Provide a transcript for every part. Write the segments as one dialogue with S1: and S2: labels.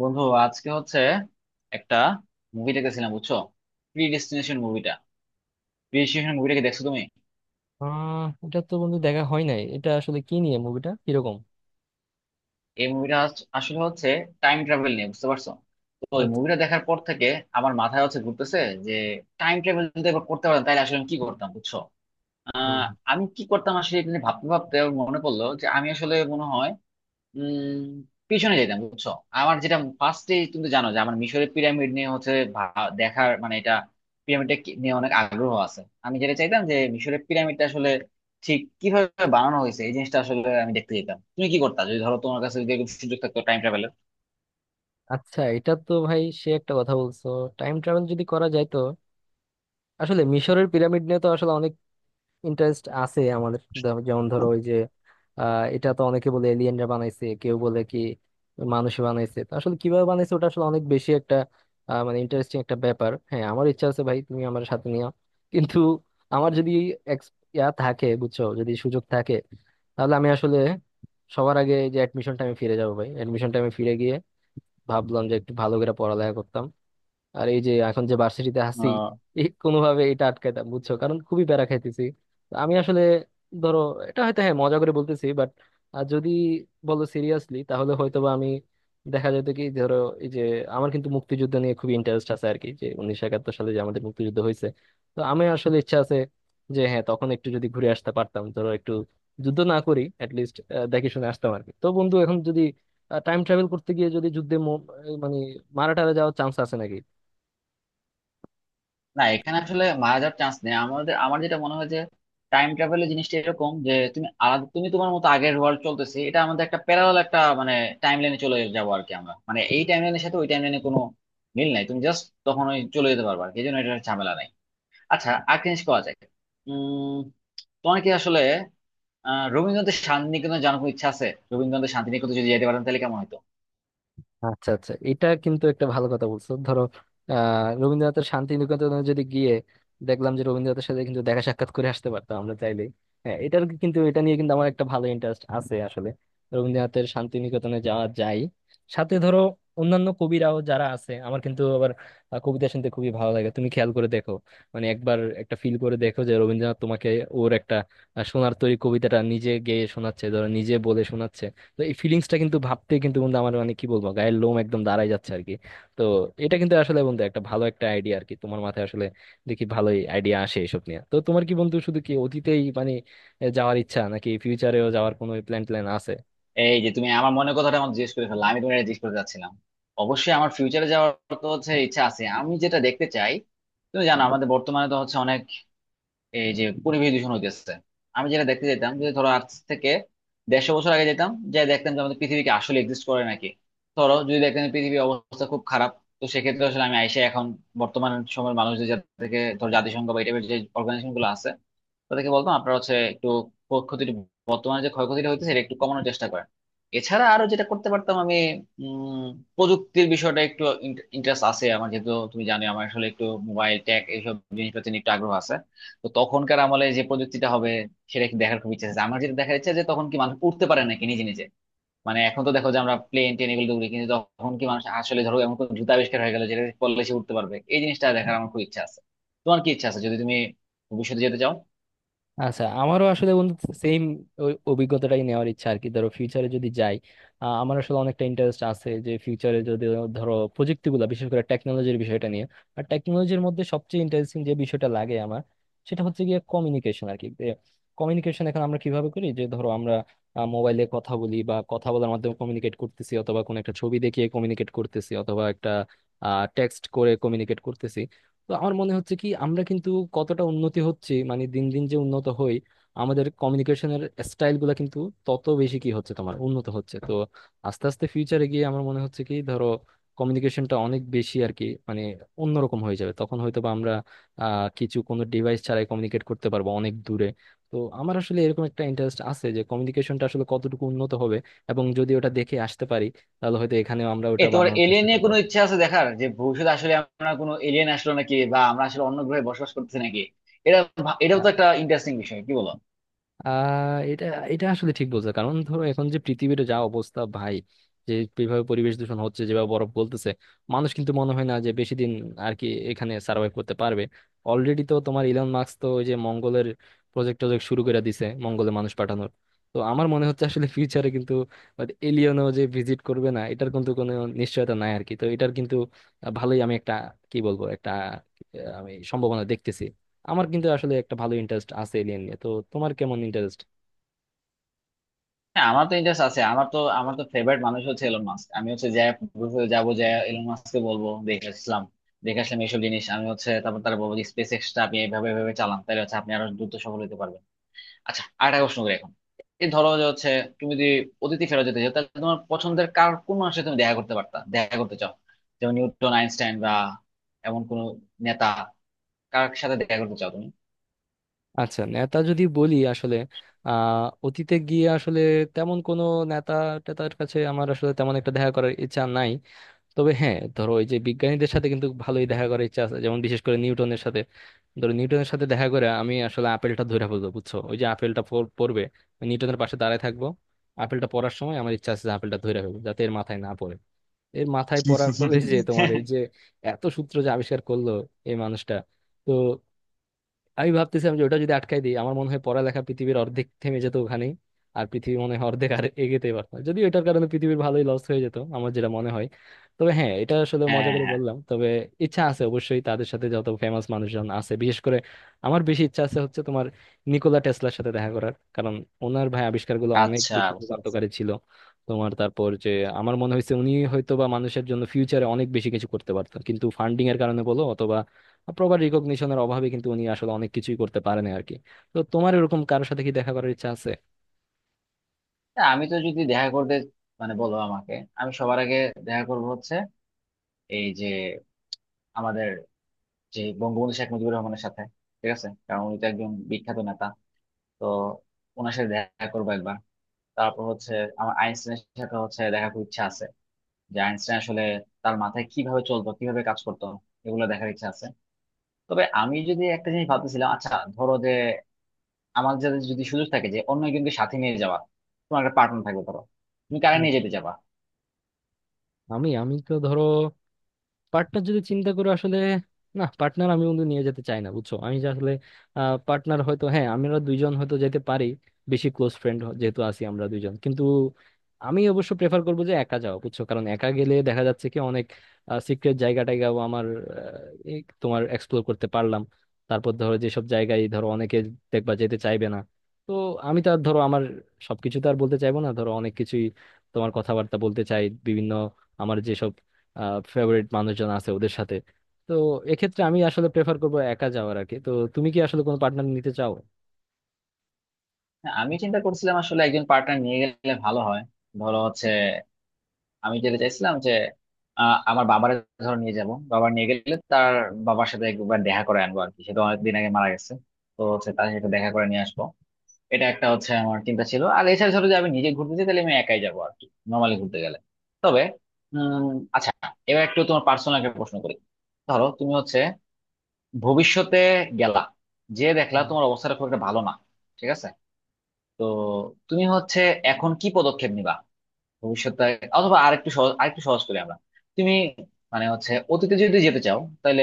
S1: বন্ধু আজকে হচ্ছে একটা মুভি দেখেছিলাম বুঝছো, প্রি ডেস্টিনেশন মুভিটা। প্রি ডেস্টিনেশন মুভিটা কি দেখছো তুমি?
S2: এটা তো বন্ধু দেখা হয় নাই। এটা আসলে কি নিয়ে মুভিটা? কিরকম?
S1: এই মুভিটা আসলে হচ্ছে টাইম ট্রাভেল নিয়ে, বুঝতে পারছো? তো ওই
S2: আচ্ছা।
S1: মুভিটা দেখার পর থেকে আমার মাথায় হচ্ছে ঘুরতেছে যে টাইম ট্রাভেল যদি এবার করতে পারতাম তাহলে আসলে আমি কি করতাম বুঝছো। আহ,
S2: হুম।
S1: আমি কি করতাম আসলে, এটা নিয়ে ভাবতে ভাবতে আমার মনে পড়লো যে আমি আসলে মনে হয় উম পিছনে যেতাম বুঝছো। আমার যেটা ফার্স্টে, তুমি তো জানো যে আমার মিশরের পিরামিড নিয়ে হচ্ছে দেখার মানে এটা পিরামিডটা নিয়ে অনেক আগ্রহ আছে। আমি যেটা চাইতাম যে মিশরের পিরামিডটা আসলে ঠিক কিভাবে বানানো হয়েছে এই জিনিসটা আসলে আমি দেখতে যেতাম। তুমি কি করতা যদি ধরো তোমার কাছে যদি এরকম সুযোগ থাকতো টাইম ট্রাভেলের?
S2: আচ্ছা, এটা তো ভাই সে একটা কথা বলছো। টাইম ট্রাভেল যদি করা যায় তো আসলে মিশরের পিরামিড ইন্টারেস্ট আছে আমাদের যেমন ধরো ওই যে এটা তো অনেকে বলে এলিয়েনরা বানাইছে, কেউ বলে কি মানুষ বানাইছে, তো আসলে কিভাবে বানাইছে ওটা আসলে অনেক বেশি একটা মানে ইন্টারেস্টিং একটা ব্যাপার। হ্যাঁ, আমার ইচ্ছা আছে ভাই, তুমি আমার সাথে নিও। কিন্তু আমার যদি ex- ইয়া থাকে, বুঝছো, যদি সুযোগ থাকে, তাহলে আমি আসলে সবার আগে এই যে অ্যাডমিশন টাইমে ফিরে যাবো ভাই। অ্যাডমিশন টাইমে ফিরে গিয়ে ভাবলাম যে একটু ভালো করে পড়ালেখা করতাম, আর এই যে এখন যে ভার্সিটিতে আছি, এই কোনোভাবে এটা আটকাইতাম, বুঝছো, কারণ খুবই প্যারা খাইতেছি। তো আমি আসলে ধরো এটা হয়তো হ্যাঁ মজা করে বলতেছি, বাট যদি বলো সিরিয়াসলি তাহলে হয়তোবা আমি দেখা যেত কি, ধরো এই যে, আমার কিন্তু মুক্তিযুদ্ধ নিয়ে খুবই ইন্টারেস্ট আছে আর কি, যে 1971 সালে যে আমাদের মুক্তিযুদ্ধ হয়েছে। তো আমি আসলে ইচ্ছা আছে যে হ্যাঁ তখন একটু যদি ঘুরে আসতে পারতাম, ধরো একটু, যুদ্ধ না করি, লিস্ট দেখে শুনে আসতাম আর কি। তো বন্ধু, এখন যদি টাইম ট্রাভেল করতে গিয়ে যদি যুদ্ধে মানে মারা টারা যাওয়ার চান্স আছে।
S1: না, এখানে আসলে মারা যাওয়ার চান্স নেই আমাদের। আমার যেটা মনে হয় যে টাইম ট্রাভেলের জিনিসটা এরকম যে তুমি আলাদা, তুমি তোমার মতো, আগের ওয়ার্ল্ড চলতেছে, এটা আমাদের একটা প্যারালাল একটা মানে টাইম লাইনে চলে যাবো আর কি আমরা, মানে এই টাইম লাইনের সাথে ওই টাইম লাইনে কোনো মিল নাই। তুমি জাস্ট তখন ওই চলে যেতে পারবে আর কি, এই জন্য এটা ঝামেলা নাই। আচ্ছা, আর কি জিনিস করা যায়? উম তোমার কি আসলে রবীন্দ্রনাথের শান্তিনিকেতনে জানার কোনো ইচ্ছা আছে? রবীন্দ্রনাথের শান্তিনিকেতনে যদি যেতে পারেন তাহলে কেমন হতো?
S2: আচ্ছা, আচ্ছা, এটা কিন্তু একটা ভালো কথা বলছো। ধরো রবীন্দ্রনাথের শান্তি নিকেতনে যদি গিয়ে দেখলাম যে রবীন্দ্রনাথের সাথে কিন্তু দেখা সাক্ষাৎ করে আসতে পারতাম আমরা চাইলেই। হ্যাঁ, এটার কিন্তু, এটা নিয়ে কিন্তু আমার একটা ভালো ইন্টারেস্ট আছে। আসলে রবীন্দ্রনাথের শান্তি নিকেতনে যাওয়া যায়, সাথে ধরো অন্যান্য কবিরাও যারা আছে। আমার কিন্তু আবার কবিতা শুনতে খুবই ভালো লাগে। তুমি খেয়াল করে দেখো, মানে একবার একটা ফিল করে দেখো যে রবীন্দ্রনাথ তোমাকে ওর একটা সোনার তরী কবিতাটা নিজে গেয়ে শোনাচ্ছে, ধরো নিজে বলে শোনাচ্ছে। তো এই ফিলিংসটা কিন্তু ভাবতে কিন্তু বন্ধু আমার মানে কি বলবো, গায়ের লোম একদম দাঁড়ায় যাচ্ছে আর কি। তো এটা কিন্তু আসলে বন্ধু একটা ভালো একটা আইডিয়া আর কি তোমার মাথায়। আসলে দেখি ভালোই আইডিয়া আসে এসব নিয়ে। তো তোমার কি বন্ধু শুধু কি অতীতেই মানে যাওয়ার ইচ্ছা, নাকি ফিউচারেও যাওয়ার কোনো প্ল্যান ট্যান আছে?
S1: এই যে তুমি আমার মনের কথাটা আমার জিজ্ঞেস করে ফেললা, আমি তোমার জিজ্ঞেস করতে চাচ্ছিলাম। অবশ্যই আমার ফিউচারে যাওয়ার তো হচ্ছে ইচ্ছা আছে। আমি যেটা দেখতে চাই, তুমি জানো আমাদের বর্তমানে তো হচ্ছে অনেক এই যে পরিবেশ দূষণ হইতেছে। আমি যেটা দেখতে যেতাম যে ধরো আজ থেকে 150 বছর আগে যেতাম, যে দেখতাম যে আমাদের পৃথিবীকে আসলে এক্সিস্ট করে নাকি। ধরো যদি দেখতাম যে পৃথিবীর অবস্থা খুব খারাপ, তো সেক্ষেত্রে আসলে আমি আইসে এখন বর্তমান সময়ের মানুষদের, যাদেরকে ধরো জাতিসংঘ বা এই টাইপের যে অর্গানাইজেশন গুলো আছে, তাদেরকে বলতাম আপনারা হচ্ছে একটু ক্ষতিটা, বর্তমানে যে ক্ষয়ক্ষতিটা হইতেছে এটা একটু কমানোর চেষ্টা করেন। এছাড়া আরো যেটা করতে পারতাম আমি, উম প্রযুক্তির বিষয়টা একটু ইন্টারেস্ট আছে আমার, যেহেতু তুমি জানো আমার আসলে একটু মোবাইল ট্যাক এইসব জিনিসপাতি নিয়ে একটু আগ্রহ আছে। তো তখনকার আমলে যে প্রযুক্তিটা হবে সেটা কি দেখার খুব ইচ্ছা আছে আমার। যেটা দেখার ইচ্ছা যে তখন কি মানুষ উঠতে পারে নাকি নিজে নিজে, মানে এখন তো দেখো যে আমরা প্লেন ট্রেন এগুলো উড়ি, কিন্তু তখন কি মানুষ আসলে ধরো এমন কোনো জুতা আবিষ্কার হয়ে গেল যেটা পরলে সে উঠতে পারবে, এই জিনিসটা দেখার আমার খুব ইচ্ছা আছে। তোমার কি ইচ্ছা আছে যদি তুমি ভবিষ্যতে যেতে চাও?
S2: আচ্ছা, আমারও আসলে বন্ধু সেম অভিজ্ঞতাটাই নেওয়ার ইচ্ছা আর কি। ধরো ফিউচারে যদি যাই, আমার আসলে অনেকটা ইন্টারেস্ট আছে যে ফিউচারে যদি ধরো প্রযুক্তিগুলো, বিশেষ করে টেকনোলজির বিষয়টা নিয়ে। আর টেকনোলজির মধ্যে সবচেয়ে ইন্টারেস্টিং যে বিষয়টা লাগে আমার, সেটা হচ্ছে গিয়ে কমিউনিকেশন আর কি। কমিউনিকেশন এখন আমরা কিভাবে করি যে, ধরো আমরা মোবাইলে কথা বলি বা কথা বলার মাধ্যমে কমিউনিকেট করতেছি, অথবা কোনো একটা ছবি দেখিয়ে কমিউনিকেট করতেছি, অথবা একটা টেক্সট করে কমিউনিকেট করতেছি। তো আমার মনে হচ্ছে কি, আমরা কিন্তু কতটা উন্নতি হচ্ছে, মানে দিন দিন যে উন্নত হই, আমাদের কমিউনিকেশনের স্টাইল গুলা কিন্তু তত বেশি কি হচ্ছে তোমার উন্নত হচ্ছে। তো আস্তে আস্তে ফিউচারে গিয়ে আমার মনে হচ্ছে কি ধরো কমিউনিকেশনটা অনেক বেশি আর কি, মানে অন্যরকম হয়ে যাবে। তখন হয়তো বা আমরা কিছু কোনো ডিভাইস ছাড়াই কমিউনিকেট করতে পারবো অনেক দূরে। তো আমার আসলে এরকম একটা ইন্টারেস্ট আছে যে কমিউনিকেশনটা আসলে কতটুকু উন্নত হবে, এবং যদি ওটা দেখে আসতে পারি তাহলে হয়তো এখানেও আমরা
S1: এ,
S2: ওটা
S1: তোমার
S2: বানানোর
S1: এলিয়েন
S2: চেষ্টা
S1: নিয়ে
S2: করবো
S1: কোনো
S2: আর
S1: ইচ্ছা আছে দেখার যে ভবিষ্যতে আসলে আমরা কোনো এলিয়েন আসলো নাকি, বা আমরা আসলে অন্য গ্রহে বসবাস করতেছি নাকি? এটা এটাও
S2: কি।
S1: তো একটা ইন্টারেস্টিং বিষয়, কি বলো?
S2: আহ এটা এটা আসলে ঠিক বলছো। কারণ ধরো এখন যে পৃথিবীর যা অবস্থা ভাই, যে যেভাবে পরিবেশ দূষণ হচ্ছে, যেভাবে বরফ গলতেছে, মানুষ কিন্তু মনে হয় না যে বেশি দিন আর কি এখানে সার্ভাইভ করতে পারবে। অলরেডি তো তোমার ইলন মাস্ক তো ওই যে মঙ্গলের প্রজেক্ট টজেক্ট শুরু করে দিছে, মঙ্গলে মানুষ পাঠানোর। তো আমার মনে হচ্ছে আসলে ফিউচারে কিন্তু এলিয়েনও যে ভিজিট করবে না, এটার কিন্তু কোনো নিশ্চয়তা নাই আর কি। তো এটার কিন্তু ভালোই আমি একটা কি বলবো একটা আমি সম্ভাবনা দেখতেছি। আমার কিন্তু আসলে একটা ভালো ইন্টারেস্ট আছে এলিয়েন নিয়ে। তো তোমার কেমন ইন্টারেস্ট?
S1: হ্যাঁ, আমার তো ইন্টারেস্ট আছে। আমার তো ফেভারিট মানুষ হচ্ছে এলন মাস্ক। আমি হচ্ছে যাই ভবিষ্যতে, যাবো যাই এলন মাস্ককে বলবো দেখে আসলাম, দেখে আসলাম এইসব জিনিস। আমি হচ্ছে তারপর তারা বলবো যে স্পেস এক্সটা আপনি এভাবে এভাবে চালান, তাহলে হচ্ছে আপনি আরো দ্রুত সফল হতে পারবেন। আচ্ছা, আরেকটা প্রশ্ন করি এখন। এই ধরো যে হচ্ছে তুমি যদি অতিথি ফেরত যেতে চাও, তাহলে তোমার পছন্দের কার কোন মানুষের তুমি দেখা করতে পারতা, দেখা করতে চাও? যেমন নিউটন, আইনস্টাইন বা এমন কোন নেতা, কার সাথে দেখা করতে চাও তুমি?
S2: আচ্ছা, নেতা যদি বলি, আসলে অতীতে গিয়ে আসলে তেমন কোনো নেতা টেতার কাছে আমার আসলে তেমন একটা দেখা করার ইচ্ছা নাই। তবে হ্যাঁ, ধরো ওই যে বিজ্ঞানীদের সাথে কিন্তু ভালোই দেখা করার ইচ্ছা আছে, যেমন বিশেষ করে নিউটনের সাথে। ধরো নিউটনের সাথে দেখা করে আমি আসলে আপেলটা ধরে ফেলবো, বুঝছো, ওই যে আপেলটা পড়বে, নিউটনের পাশে দাঁড়ায় থাকবো, আপেলটা পড়ার সময় আমার ইচ্ছা আছে যে আপেলটা ধরে ফেলবো যাতে এর মাথায় না পড়ে। এর মাথায় পড়ার ফলে যে তোমার এই যে এত সূত্র যে আবিষ্কার করলো এই মানুষটা, তো আমি ভাবতেছিলাম যে ওটা যদি আটকাই দিই, আমার মনে হয় পড়ালেখা পৃথিবীর অর্ধেক থেমে যেত ওখানেই। আর পৃথিবী মনে হয় অর্ধেক আর এগোতে পারতো না। যদিও এটার কারণে পৃথিবীর ভালোই লস হয়ে যেত আমার যেটা মনে হয়। তবে হ্যাঁ, এটা আসলে মজা
S1: হ্যাঁ, হ্যাঁ,
S2: করে
S1: হ্যাঁ।
S2: বললাম। তবে ইচ্ছা আছে অবশ্যই তাদের সাথে যত ফেমাস মানুষজন আছে, বিশেষ করে আমার বেশি ইচ্ছা আছে হচ্ছে তোমার নিকোলা টেসলার সাথে দেখা করার। কারণ ওনার ভাই আবিষ্কারগুলো অনেক
S1: আচ্ছা,
S2: বেশি
S1: বুঝতে পারছি।
S2: যুগান্তকারী ছিল। তোমার তারপর যে আমার মনে হয়েছে উনি হয়তো বা মানুষের জন্য ফিউচারে অনেক বেশি কিছু করতে পারতো, কিন্তু ফান্ডিং এর কারণে বলো অথবা প্রপার রিকগনিশনের অভাবে কিন্তু উনি আসলে অনেক কিছুই করতে পারেন আর কি। তো তোমার এরকম কারোর সাথে কি দেখা করার ইচ্ছা আছে?
S1: তা আমি তো যদি দেখা করতে, মানে বলো আমাকে, আমি সবার আগে দেখা করবো হচ্ছে এই যে আমাদের যে বঙ্গবন্ধু শেখ মুজিবুর রহমানের সাথে, ঠিক আছে, কারণ উনি তো একজন বিখ্যাত নেতা। তো ওনার সাথে দেখা করবো একবার। তারপর হচ্ছে আমার আইনস্টাইনের সাথে হচ্ছে দেখা খুব ইচ্ছা আছে, যে আইনস্টাইন আসলে তার মাথায় কিভাবে চলতো, কিভাবে কাজ করতো, এগুলো দেখার ইচ্ছা আছে। তবে আমি যদি একটা জিনিস ভাবতেছিলাম। আচ্ছা, ধরো যে আমার যাদের যদি সুযোগ থাকে যে অন্য একজনকে সাথে নিয়ে যাওয়া, তোমার একটা পার্টনার থাকবে ধরো, তুমি কারা
S2: হুম।
S1: নিয়ে যেতে যাবা?
S2: আমি আমি তো ধরো পার্টনার যদি চিন্তা করে, আসলে না, পার্টনার আমি বন্ধু নিয়ে যেতে চাই না, বুঝছো। আমি যে আসলে পার্টনার হয়তো হ্যাঁ, আমরা দুইজন হয়তো যেতে পারি, বেশি ক্লোজ ফ্রেন্ড যেহেতু আছি আমরা দুইজন। কিন্তু আমি অবশ্য প্রেফার করবো যে একা যাওয়া, বুঝছো, কারণ একা গেলে দেখা যাচ্ছে কি অনেক সিক্রেট জায়গা টায়গাও আমার এই তোমার এক্সপ্লোর করতে পারলাম। তারপর ধরো যেসব জায়গায়, ধরো অনেকে দেখবা যেতে চাইবে না, তো আমি তো আর ধরো আমার সবকিছু তো আর বলতে চাইবো না, ধরো অনেক কিছুই তোমার কথাবার্তা বলতে চাই বিভিন্ন আমার যেসব ফেভারিট মানুষজন আছে ওদের সাথে। তো এক্ষেত্রে আমি আসলে প্রেফার করবো একা যাওয়ার আর কি। তো তুমি কি আসলে কোনো পার্টনার নিতে চাও?
S1: হ্যাঁ, আমি চিন্তা করছিলাম আসলে একজন পার্টনার নিয়ে গেলে ভালো হয়। ধরো হচ্ছে আমি যেতে চাইছিলাম যে আমার বাবার, ধরো নিয়ে যাব বাবা, নিয়ে গেলে তার বাবার সাথে একবার দেখা করে আনবো আর কি, সে তো অনেকদিন আগে মারা গেছে। তো হচ্ছে তার সাথে দেখা
S2: আচ্ছা।
S1: করে নিয়ে আসবো। এটা একটা হচ্ছে আমার চিন্তা ছিল। আর এছাড়া ধরো যে আমি নিজে ঘুরতে যাই তাহলে আমি একাই যাবো আর কি, নর্মালি ঘুরতে গেলে। তবে উম আচ্ছা, এবার একটু তোমার পার্সোনাল একটা প্রশ্ন করি। ধরো তুমি হচ্ছে ভবিষ্যতে গেলা, যে দেখলা তোমার অবস্থাটা খুব একটা ভালো না, ঠিক আছে, তো তুমি হচ্ছে এখন কি পদক্ষেপ নিবা ভবিষ্যতে? অথবা আরেকটু সহজ করি আমরা। তুমি মানে হচ্ছে অতীতে যদি যেতে চাও, তাহলে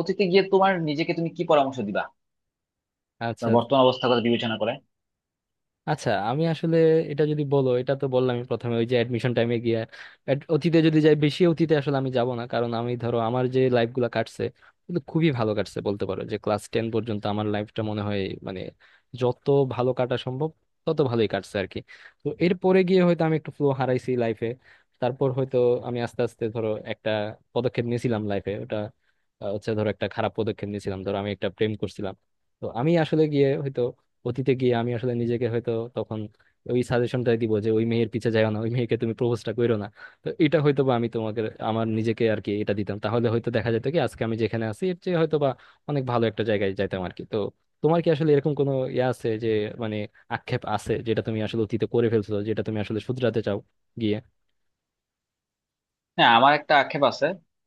S1: অতীতে গিয়ে তোমার নিজেকে তুমি কি পরামর্শ দিবা
S2: আচ্ছা,
S1: তোমার বর্তমান অবস্থার কথা বিবেচনা করে?
S2: আচ্ছা, আমি আসলে এটা যদি বলো, এটা তো বললাম, আমি প্রথমে ওই যে অ্যাডমিশন টাইমে গিয়া, অতীতে যদি যাই, বেশি অতীতে আসলে আমি যাব না। কারণ আমি ধরো আমার যে লাইফ গুলা কাটছে কিন্তু খুবই ভালো কাটছে, বলতে পারো যে ক্লাস 10 পর্যন্ত আমার লাইফটা মনে হয় মানে যত ভালো কাটা সম্ভব তত ভালোই কাটছে আর কি। তো এরপরে গিয়ে হয়তো আমি একটু ফ্লো হারাইছি লাইফে। তারপর হয়তো আমি আস্তে আস্তে ধরো একটা পদক্ষেপ নিয়েছিলাম লাইফে, ওটা হচ্ছে ধরো একটা খারাপ পদক্ষেপ নিয়েছিলাম। ধরো আমি একটা প্রেম করছিলাম, তো আমি আসলে গিয়ে হয়তো অতীতে গিয়ে আমি আসলে নিজেকে হয়তো তখন ওই সাজেশনটাই দিব যে ওই মেয়ের পিছে যাও না, ওই মেয়েকে তুমি প্রপোজটা করো না। তো এটা হয়তো বা আমি তোমাকে, আমার নিজেকে আর কি, এটা দিতাম। তাহলে হয়তো দেখা যেত কি আজকে আমি যেখানে আছি এর চেয়ে হয়তো বা অনেক ভালো একটা জায়গায় যাইতাম আর কি। তো তোমার কি আসলে এরকম কোনো ইয়ে আছে যে, মানে আক্ষেপ আছে যেটা তুমি আসলে অতীতে করে ফেলছো, যেটা তুমি আসলে শুধরাতে চাও গিয়ে?
S1: হ্যাঁ, আমার একটা আক্ষেপ আছে।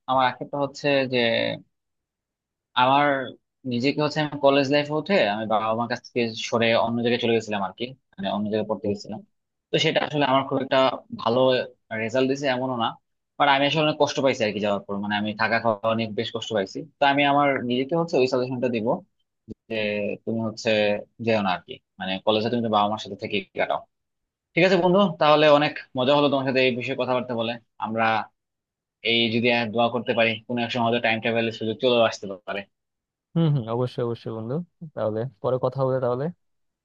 S1: আমার আক্ষেপটা হচ্ছে যে আমার নিজেকে হচ্ছে, আমি কলেজ লাইফে উঠে আমি বাবা মার কাছ থেকে সরে অন্য জায়গায় চলে গেছিলাম আর কি, মানে অন্য জায়গায় পড়তে গেছিলাম। তো সেটা আসলে আমার খুব একটা ভালো রেজাল্ট দিছে এমনও না, বাট আমি আসলে অনেক কষ্ট পাইছি আর কি। যাওয়ার পর মানে আমি থাকা খাওয়া অনেক বেশ কষ্ট পাইছি। তো আমি আমার নিজেকে হচ্ছে ওই সাজেশনটা দিব যে তুমি হচ্ছে যেও না আর কি, মানে কলেজে তুমি তো বাবা মার সাথে থেকে কাটাও। ঠিক আছে বন্ধু, তাহলে অনেক মজা হলো তোমার সাথে এই বিষয়ে কথাবার্তা বলে। আমরা এই যদি আর দোয়া করতে পারি, কোনো এক সময় হয়তো টাইম ট্রাভেলের সুযোগ চলেও আসতে পারে।
S2: হম, হম, অবশ্যই, অবশ্যই বন্ধু। তাহলে পরে কথা হবে তাহলে।